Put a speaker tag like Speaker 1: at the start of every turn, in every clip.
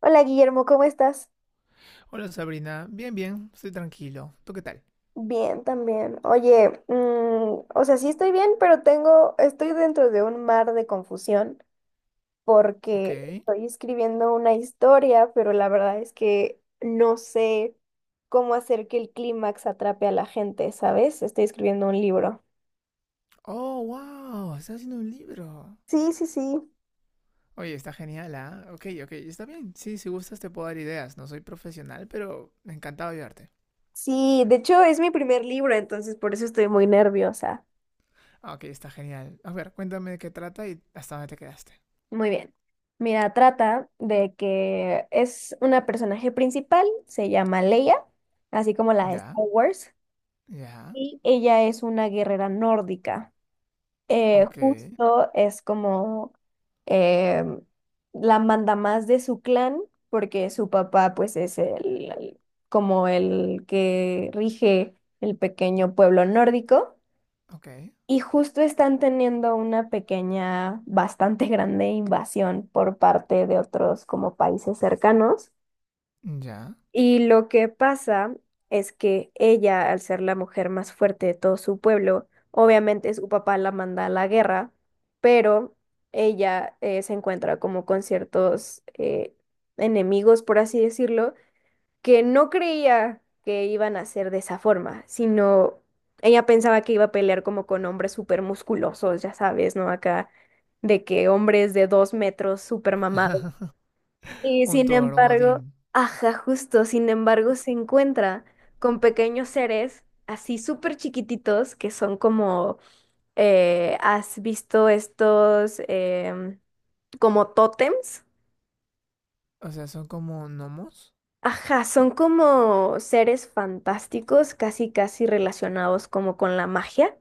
Speaker 1: Hola Guillermo, ¿cómo estás?
Speaker 2: Hola Sabrina, bien, bien, estoy tranquilo. ¿Tú qué tal?
Speaker 1: Bien, también. Oye, o sea, sí estoy bien, pero estoy dentro de un mar de confusión
Speaker 2: Ok.
Speaker 1: porque estoy escribiendo una historia, pero la verdad es que no sé cómo hacer que el clímax atrape a la gente, ¿sabes? Estoy escribiendo un libro.
Speaker 2: Oh, wow, estás haciendo un libro.
Speaker 1: Sí, sí, sí.
Speaker 2: Oye, está genial, ¿ah? Ok, ok, está bien. Sí, si gustas te puedo dar ideas. No soy profesional, pero me encantado ayudarte.
Speaker 1: Sí, de hecho es mi primer libro, entonces por eso estoy muy nerviosa.
Speaker 2: Ah, ok, está genial. A ver, cuéntame de qué trata y hasta dónde te quedaste.
Speaker 1: Muy bien. Mira, trata de que es una personaje principal, se llama Leia, así como la de
Speaker 2: Ya,
Speaker 1: Star Wars,
Speaker 2: ya,
Speaker 1: y ella es una guerrera nórdica.
Speaker 2: ok,
Speaker 1: Justo es como eh, la mandamás de su clan, porque su papá pues es como el que rige el pequeño pueblo nórdico.
Speaker 2: ok,
Speaker 1: Y justo están teniendo una pequeña, bastante grande invasión por parte de otros como países cercanos.
Speaker 2: ya.
Speaker 1: Y lo que pasa es que ella, al ser la mujer más fuerte de todo su pueblo, obviamente su papá la manda a la guerra, pero ella se encuentra como con ciertos enemigos, por así decirlo, que no creía que iban a ser de esa forma, sino ella pensaba que iba a pelear como con hombres súper musculosos, ya sabes, ¿no? Acá, de que hombres de dos metros súper mamados. Y
Speaker 2: Un
Speaker 1: sin
Speaker 2: Thor, un
Speaker 1: embargo,
Speaker 2: Odín.
Speaker 1: ajá, justo, sin embargo, se encuentra con pequeños seres así súper chiquititos que son como, ¿has visto estos como tótems?
Speaker 2: O sea, son como gnomos.
Speaker 1: Ajá, son como seres fantásticos, casi casi relacionados como con la magia.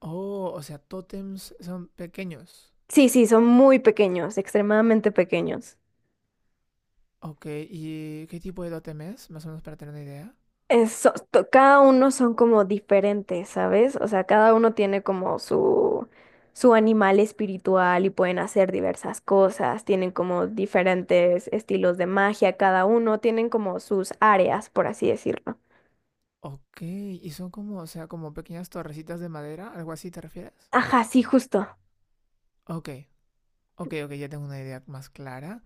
Speaker 2: Oh, o sea, tótems son pequeños.
Speaker 1: Sí, sí, son muy pequeños, extremadamente pequeños.
Speaker 2: Ok, ¿y qué tipo de totem es? Más o menos para tener una idea.
Speaker 1: Cada uno son como diferentes, ¿sabes? O sea, cada uno tiene como su animal espiritual y pueden hacer diversas cosas, tienen como diferentes estilos de magia, cada uno tienen como sus áreas, por así decirlo.
Speaker 2: Ok, ¿y son como, o sea, como pequeñas torrecitas de madera? ¿Algo así te refieres?
Speaker 1: Ajá, sí, justo.
Speaker 2: Ok, ok, ok, ya tengo una idea más clara.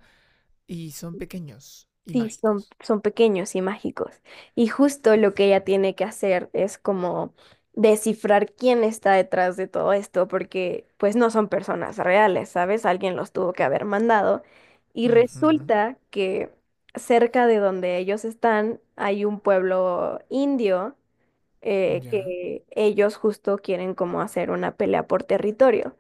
Speaker 2: Y son pequeños y
Speaker 1: Sí,
Speaker 2: mágicos.
Speaker 1: son pequeños y mágicos. Y justo lo que ella tiene que hacer es como descifrar quién está detrás de todo esto, porque pues no son personas reales, ¿sabes? Alguien los tuvo que haber mandado. Y
Speaker 2: Ujú,
Speaker 1: resulta que cerca de donde ellos están hay un pueblo indio
Speaker 2: ya.
Speaker 1: que ellos justo quieren como hacer una pelea por territorio.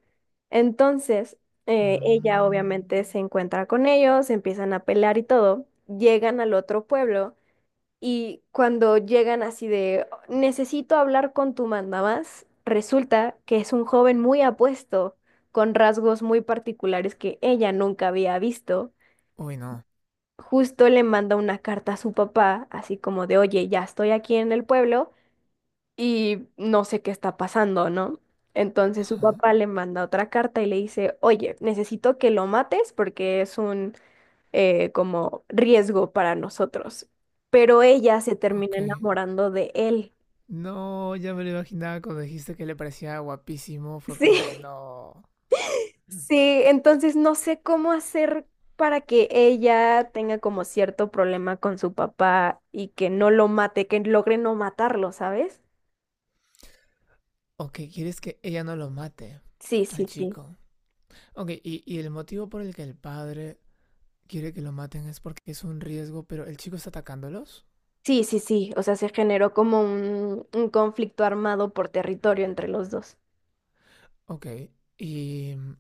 Speaker 1: Entonces, ella
Speaker 2: Mm,
Speaker 1: obviamente se encuentra con ellos, empiezan a pelear y todo, llegan al otro pueblo y cuando llegan así de, necesito hablar con tu mandamás, resulta que es un joven muy apuesto, con rasgos muy particulares que ella nunca había visto.
Speaker 2: Uy, no.
Speaker 1: Justo le manda una carta a su papá, así como de, oye, ya estoy aquí en el pueblo y no sé qué está pasando, ¿no? Entonces su
Speaker 2: Ajá,
Speaker 1: papá le manda otra carta y le dice, oye, necesito que lo mates porque es un como riesgo para nosotros. Pero ella se termina
Speaker 2: ok.
Speaker 1: enamorando de él.
Speaker 2: No, ya me lo imaginaba cuando dijiste que le parecía guapísimo. Fue
Speaker 1: Sí.
Speaker 2: como, no.
Speaker 1: Sí, entonces no sé cómo hacer para que ella tenga como cierto problema con su papá y que no lo mate, que logre no matarlo, ¿sabes?
Speaker 2: Ok, ¿quieres que ella no lo mate
Speaker 1: Sí,
Speaker 2: al
Speaker 1: sí, sí.
Speaker 2: chico? Ok, y el motivo por el que el padre quiere que lo maten es porque es un riesgo, pero el chico está atacándolos.
Speaker 1: Sí, sí, sí, o sea, se generó como un conflicto armado por territorio entre los dos.
Speaker 2: Ok. Y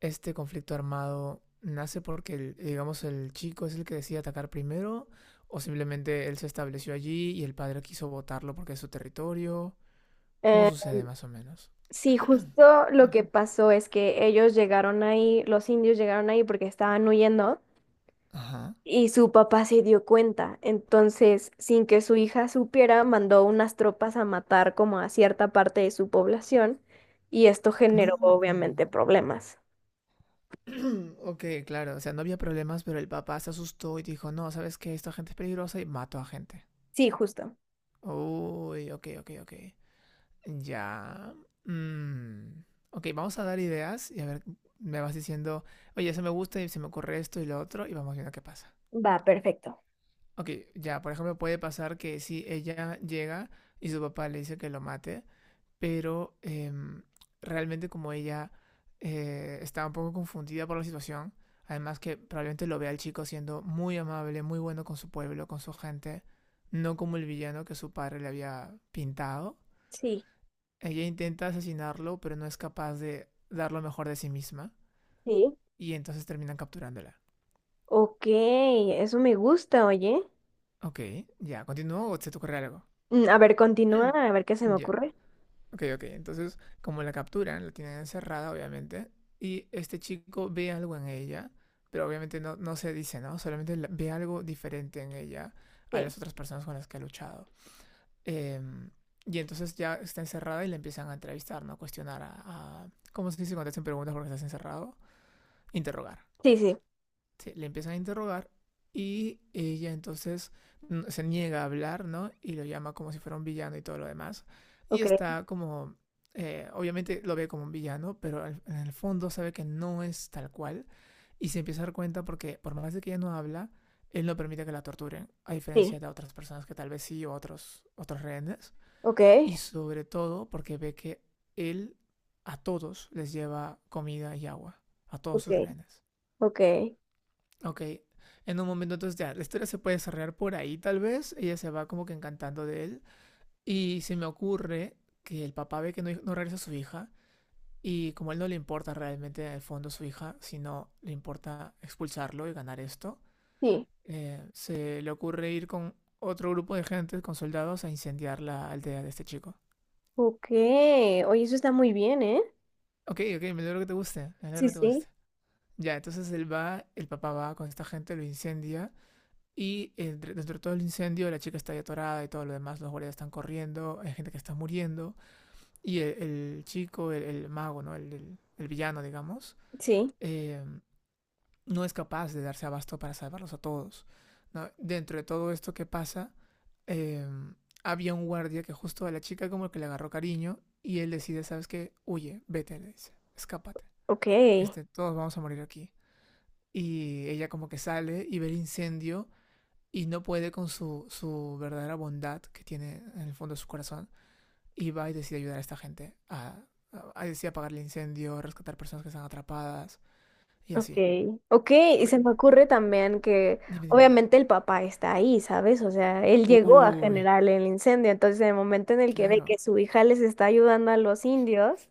Speaker 2: este conflicto armado nace porque, digamos, el chico es el que decide atacar primero o simplemente él se estableció allí y el padre quiso botarlo porque es su territorio. ¿Cómo
Speaker 1: Eh,
Speaker 2: sucede más o menos?
Speaker 1: sí, justo lo que pasó es que ellos llegaron ahí, los indios llegaron ahí porque estaban huyendo
Speaker 2: Ajá.
Speaker 1: y su papá se dio cuenta. Entonces, sin que su hija supiera, mandó unas tropas a matar como a cierta parte de su población y esto
Speaker 2: No.
Speaker 1: generó obviamente problemas.
Speaker 2: Ok, claro. O sea, no había problemas, pero el papá se asustó y dijo, no, ¿sabes qué? Esta gente es peligrosa y mató a gente.
Speaker 1: Sí, justo.
Speaker 2: Uy, ok, ok, ok. Ya. mm, Ok, vamos a dar ideas y a ver, me vas diciendo, oye, eso me gusta y se me ocurre esto y lo otro y vamos viendo qué pasa.
Speaker 1: Va, perfecto.
Speaker 2: Ok, ya, por ejemplo, puede pasar que si ella llega y su papá le dice que lo mate, pero realmente como ella está un poco confundida por la situación, además que probablemente lo vea el chico siendo muy amable, muy bueno con su pueblo, con su gente, no como el villano que su padre le había pintado
Speaker 1: Sí,
Speaker 2: ella intenta asesinarlo, pero no es capaz de dar lo mejor de sí misma.
Speaker 1: sí.
Speaker 2: Y entonces terminan capturándola.
Speaker 1: Ok, eso me gusta, oye.
Speaker 2: Ok, ya, continúo o se te ocurre algo.
Speaker 1: Mm, a ver, continúa, a ver qué se me
Speaker 2: Ya,
Speaker 1: ocurre.
Speaker 2: ok, ok. Entonces, como la capturan, la tienen encerrada, obviamente. Y este chico ve algo en ella, pero obviamente no, no se dice, ¿no? Solamente ve algo diferente en ella a
Speaker 1: Sí,
Speaker 2: las otras personas con las que ha luchado. Em, y entonces ya está encerrada y la empiezan a entrevistar, ¿no? Cuestionar a... ¿Cómo se dice cuando te hacen preguntas porque estás encerrado? Interrogar.
Speaker 1: sí, sí,
Speaker 2: Le empiezan a interrogar y ella entonces se niega a hablar, ¿no? Y lo llama como si fuera un villano y todo lo demás. Y
Speaker 1: ok,
Speaker 2: está como, obviamente lo ve como un villano, pero en el fondo sabe que no es tal cual y se empieza a dar cuenta porque por más de que ella no habla, él no permite que la torturen, a
Speaker 1: sí,
Speaker 2: diferencia de otras personas que tal vez sí o otros, otros rehenes.
Speaker 1: ok,
Speaker 2: Y sobre todo porque ve que él a todos les lleva comida y agua, a todos
Speaker 1: ok,
Speaker 2: sus rehenes.
Speaker 1: ok,
Speaker 2: Ok, en un momento entonces ya, la historia se puede desarrollar por ahí tal vez, ella se va como que encantando de él y se me ocurre que el papá ve que no, no regresa su hija y como a él no le importa realmente en el fondo su hija, sino le importa expulsarlo y ganar esto,
Speaker 1: sí,
Speaker 2: se le ocurre ir con otro grupo de gente, con soldados, a incendiar la aldea de este chico.
Speaker 1: ok. Oye, eso está muy bien, ¿eh?
Speaker 2: Ok, ok, me alegro que te guste, me alegro
Speaker 1: Sí,
Speaker 2: que te
Speaker 1: sí,
Speaker 2: guste. Ya, entonces él va, el papá va con esta gente, lo incendia. Y dentro de todo el incendio, la chica está ahí atorada y todo lo demás, los guardias están corriendo, hay gente que está muriendo. Y el chico, el mago, ¿no? El villano, digamos,
Speaker 1: sí,
Speaker 2: eh, no es capaz de darse abasto para salvarlos a todos. ¿No? Dentro de todo esto que pasa, eh, había un guardia que justo a la chica como que le agarró cariño y él decide, ¿sabes qué? Huye, vete, le dice, escápate.
Speaker 1: ok,
Speaker 2: Este, todos vamos a morir aquí. Y ella como que sale y ve el incendio y no puede con su verdadera bondad que tiene en el fondo de su corazón y va y decide ayudar a esta gente a, a decide apagar el incendio, rescatar personas que están atrapadas y
Speaker 1: ok,
Speaker 2: así.
Speaker 1: ok. Y
Speaker 2: Ok,
Speaker 1: se me ocurre también que
Speaker 2: dime, dime.
Speaker 1: obviamente el papá está ahí, ¿sabes? O sea, él llegó a
Speaker 2: Uy,
Speaker 1: generar el incendio, entonces en el momento en el que ve que
Speaker 2: claro.
Speaker 1: su hija les está ayudando a los indios.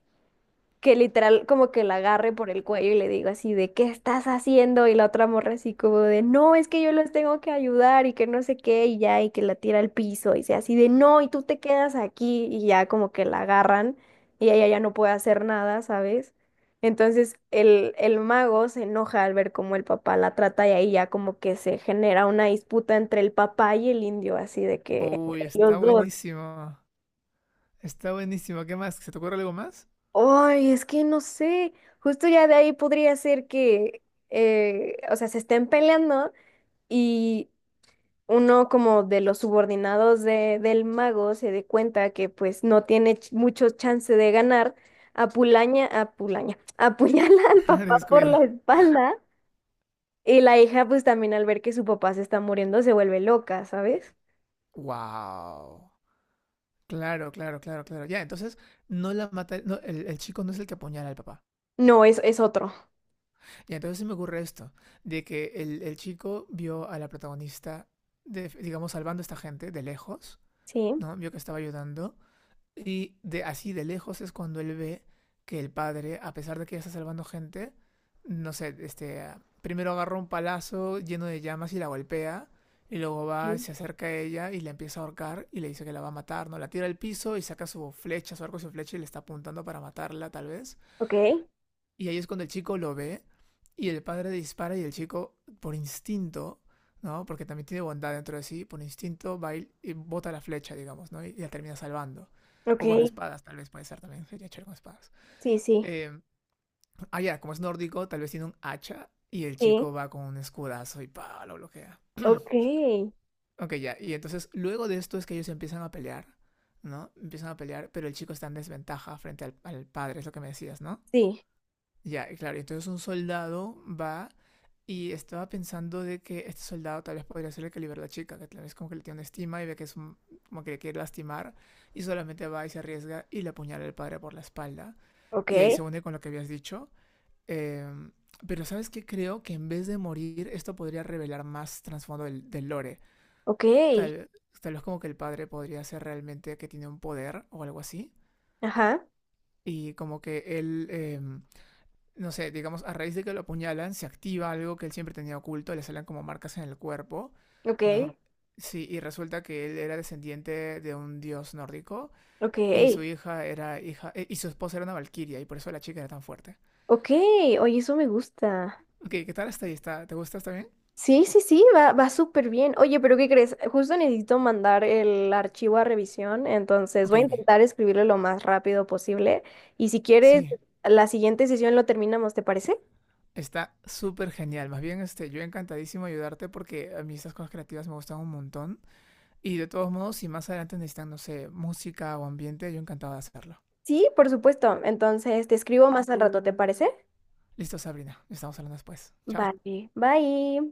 Speaker 1: Que literal como que la agarre por el cuello y le digo así de ¿qué estás haciendo? Y la otra morra así como de no, es que yo los tengo que ayudar y que no sé qué y ya y que la tira al piso y sea así de no y tú te quedas aquí y ya como que la agarran y ella ya no puede hacer nada, ¿sabes? Entonces el mago se enoja al ver cómo el papá la trata y ahí ya como que se genera una disputa entre el papá y el indio, así de que
Speaker 2: Uy,
Speaker 1: entre
Speaker 2: está
Speaker 1: los dos.
Speaker 2: buenísimo. Está buenísimo. ¿Qué más? ¿Se te ocurre algo más?
Speaker 1: Ay, es que no sé, justo ya de ahí podría ser que, o sea, se estén peleando y uno como de los subordinados de, del mago se dé cuenta que pues no tiene mucho chance de ganar, apuñala al papá por la
Speaker 2: Descuida.
Speaker 1: espalda y la hija pues también al ver que su papá se está muriendo se vuelve loca, ¿sabes?
Speaker 2: Wow. Claro, claro, claro, claro. Ya, entonces no la mata, no, el chico no es el que apuñala al papá.
Speaker 1: No, es otro.
Speaker 2: Y entonces se me ocurre esto, de que el chico vio a la protagonista, digamos, salvando a esta gente de lejos,
Speaker 1: Sí.
Speaker 2: ¿no? Vio que estaba ayudando. Y de así de lejos es cuando él ve que el padre, a pesar de que ya está salvando gente, no sé, este, ah, primero agarra un palazo lleno de llamas y la golpea. Y luego va,
Speaker 1: Sí.
Speaker 2: se acerca a ella y la empieza a ahorcar y le dice que la va a matar, ¿no? La tira al piso y saca su flecha, su arco y su flecha y le está apuntando para matarla, tal vez.
Speaker 1: Ok,
Speaker 2: Y ahí es cuando el chico lo ve y el padre dispara y el chico, por instinto, ¿no? Porque también tiene bondad dentro de sí, por instinto va y bota la flecha, digamos, ¿no? Y la termina salvando.
Speaker 1: ok,
Speaker 2: O con espadas, tal vez puede ser también, sería chévere con espadas.
Speaker 1: sí, sí,
Speaker 2: Eh, ya, como es nórdico, tal vez tiene un hacha y el
Speaker 1: sí,
Speaker 2: chico va con un escudazo y pa, lo bloquea.
Speaker 1: ok,
Speaker 2: Ok, ya, y entonces luego de esto es que ellos empiezan a pelear, ¿no? Empiezan a pelear, pero el chico está en desventaja frente al padre, es lo que me decías, ¿no?
Speaker 1: sí.
Speaker 2: Ya, claro, entonces un soldado va y estaba pensando de que este soldado tal vez podría ser el que liberó a la chica, que tal vez como que le tiene una estima y ve que es como que le quiere lastimar y solamente va y se arriesga y le apuñala al padre por la espalda
Speaker 1: Ok,
Speaker 2: y ahí se une con lo que habías dicho. Em, pero ¿sabes qué? Creo que en vez de morir esto podría revelar más trasfondo del lore.
Speaker 1: ok,
Speaker 2: Tal, tal vez como que el padre podría ser realmente que tiene un poder o algo así
Speaker 1: ajá,
Speaker 2: y como que él... no sé, digamos, a raíz de que lo apuñalan, se activa algo que él siempre tenía oculto, le salen como marcas en el cuerpo,
Speaker 1: ok,
Speaker 2: ¿no? Sí, y resulta que él era descendiente de un dios nórdico
Speaker 1: ok,
Speaker 2: y su hija era hija y su esposa era una valquiria y por eso la chica era tan fuerte.
Speaker 1: ok, oye, eso me gusta.
Speaker 2: Ok, ¿qué tal hasta ahí? ¿Está, ¿te gusta? ¿Está bien?
Speaker 1: Sí, sí, sí, va, va súper bien. Oye, pero ¿qué crees? Justo necesito mandar el archivo a revisión, entonces
Speaker 2: Ok,
Speaker 1: voy a
Speaker 2: ok.
Speaker 1: intentar escribirlo lo más rápido posible. Y si quieres,
Speaker 2: Sí,
Speaker 1: la siguiente sesión lo terminamos, ¿te parece?
Speaker 2: está súper genial. Más bien, este, yo encantadísimo ayudarte porque a mí estas cosas creativas me gustan un montón. Y de todos modos, si más adelante necesitan, no sé, música o ambiente, yo encantado de hacerlo.
Speaker 1: Sí, por supuesto. Entonces te escribo más al rato, ¿te parece?
Speaker 2: Listo, Sabrina. Estamos hablando después. Chao.
Speaker 1: Vale, bye.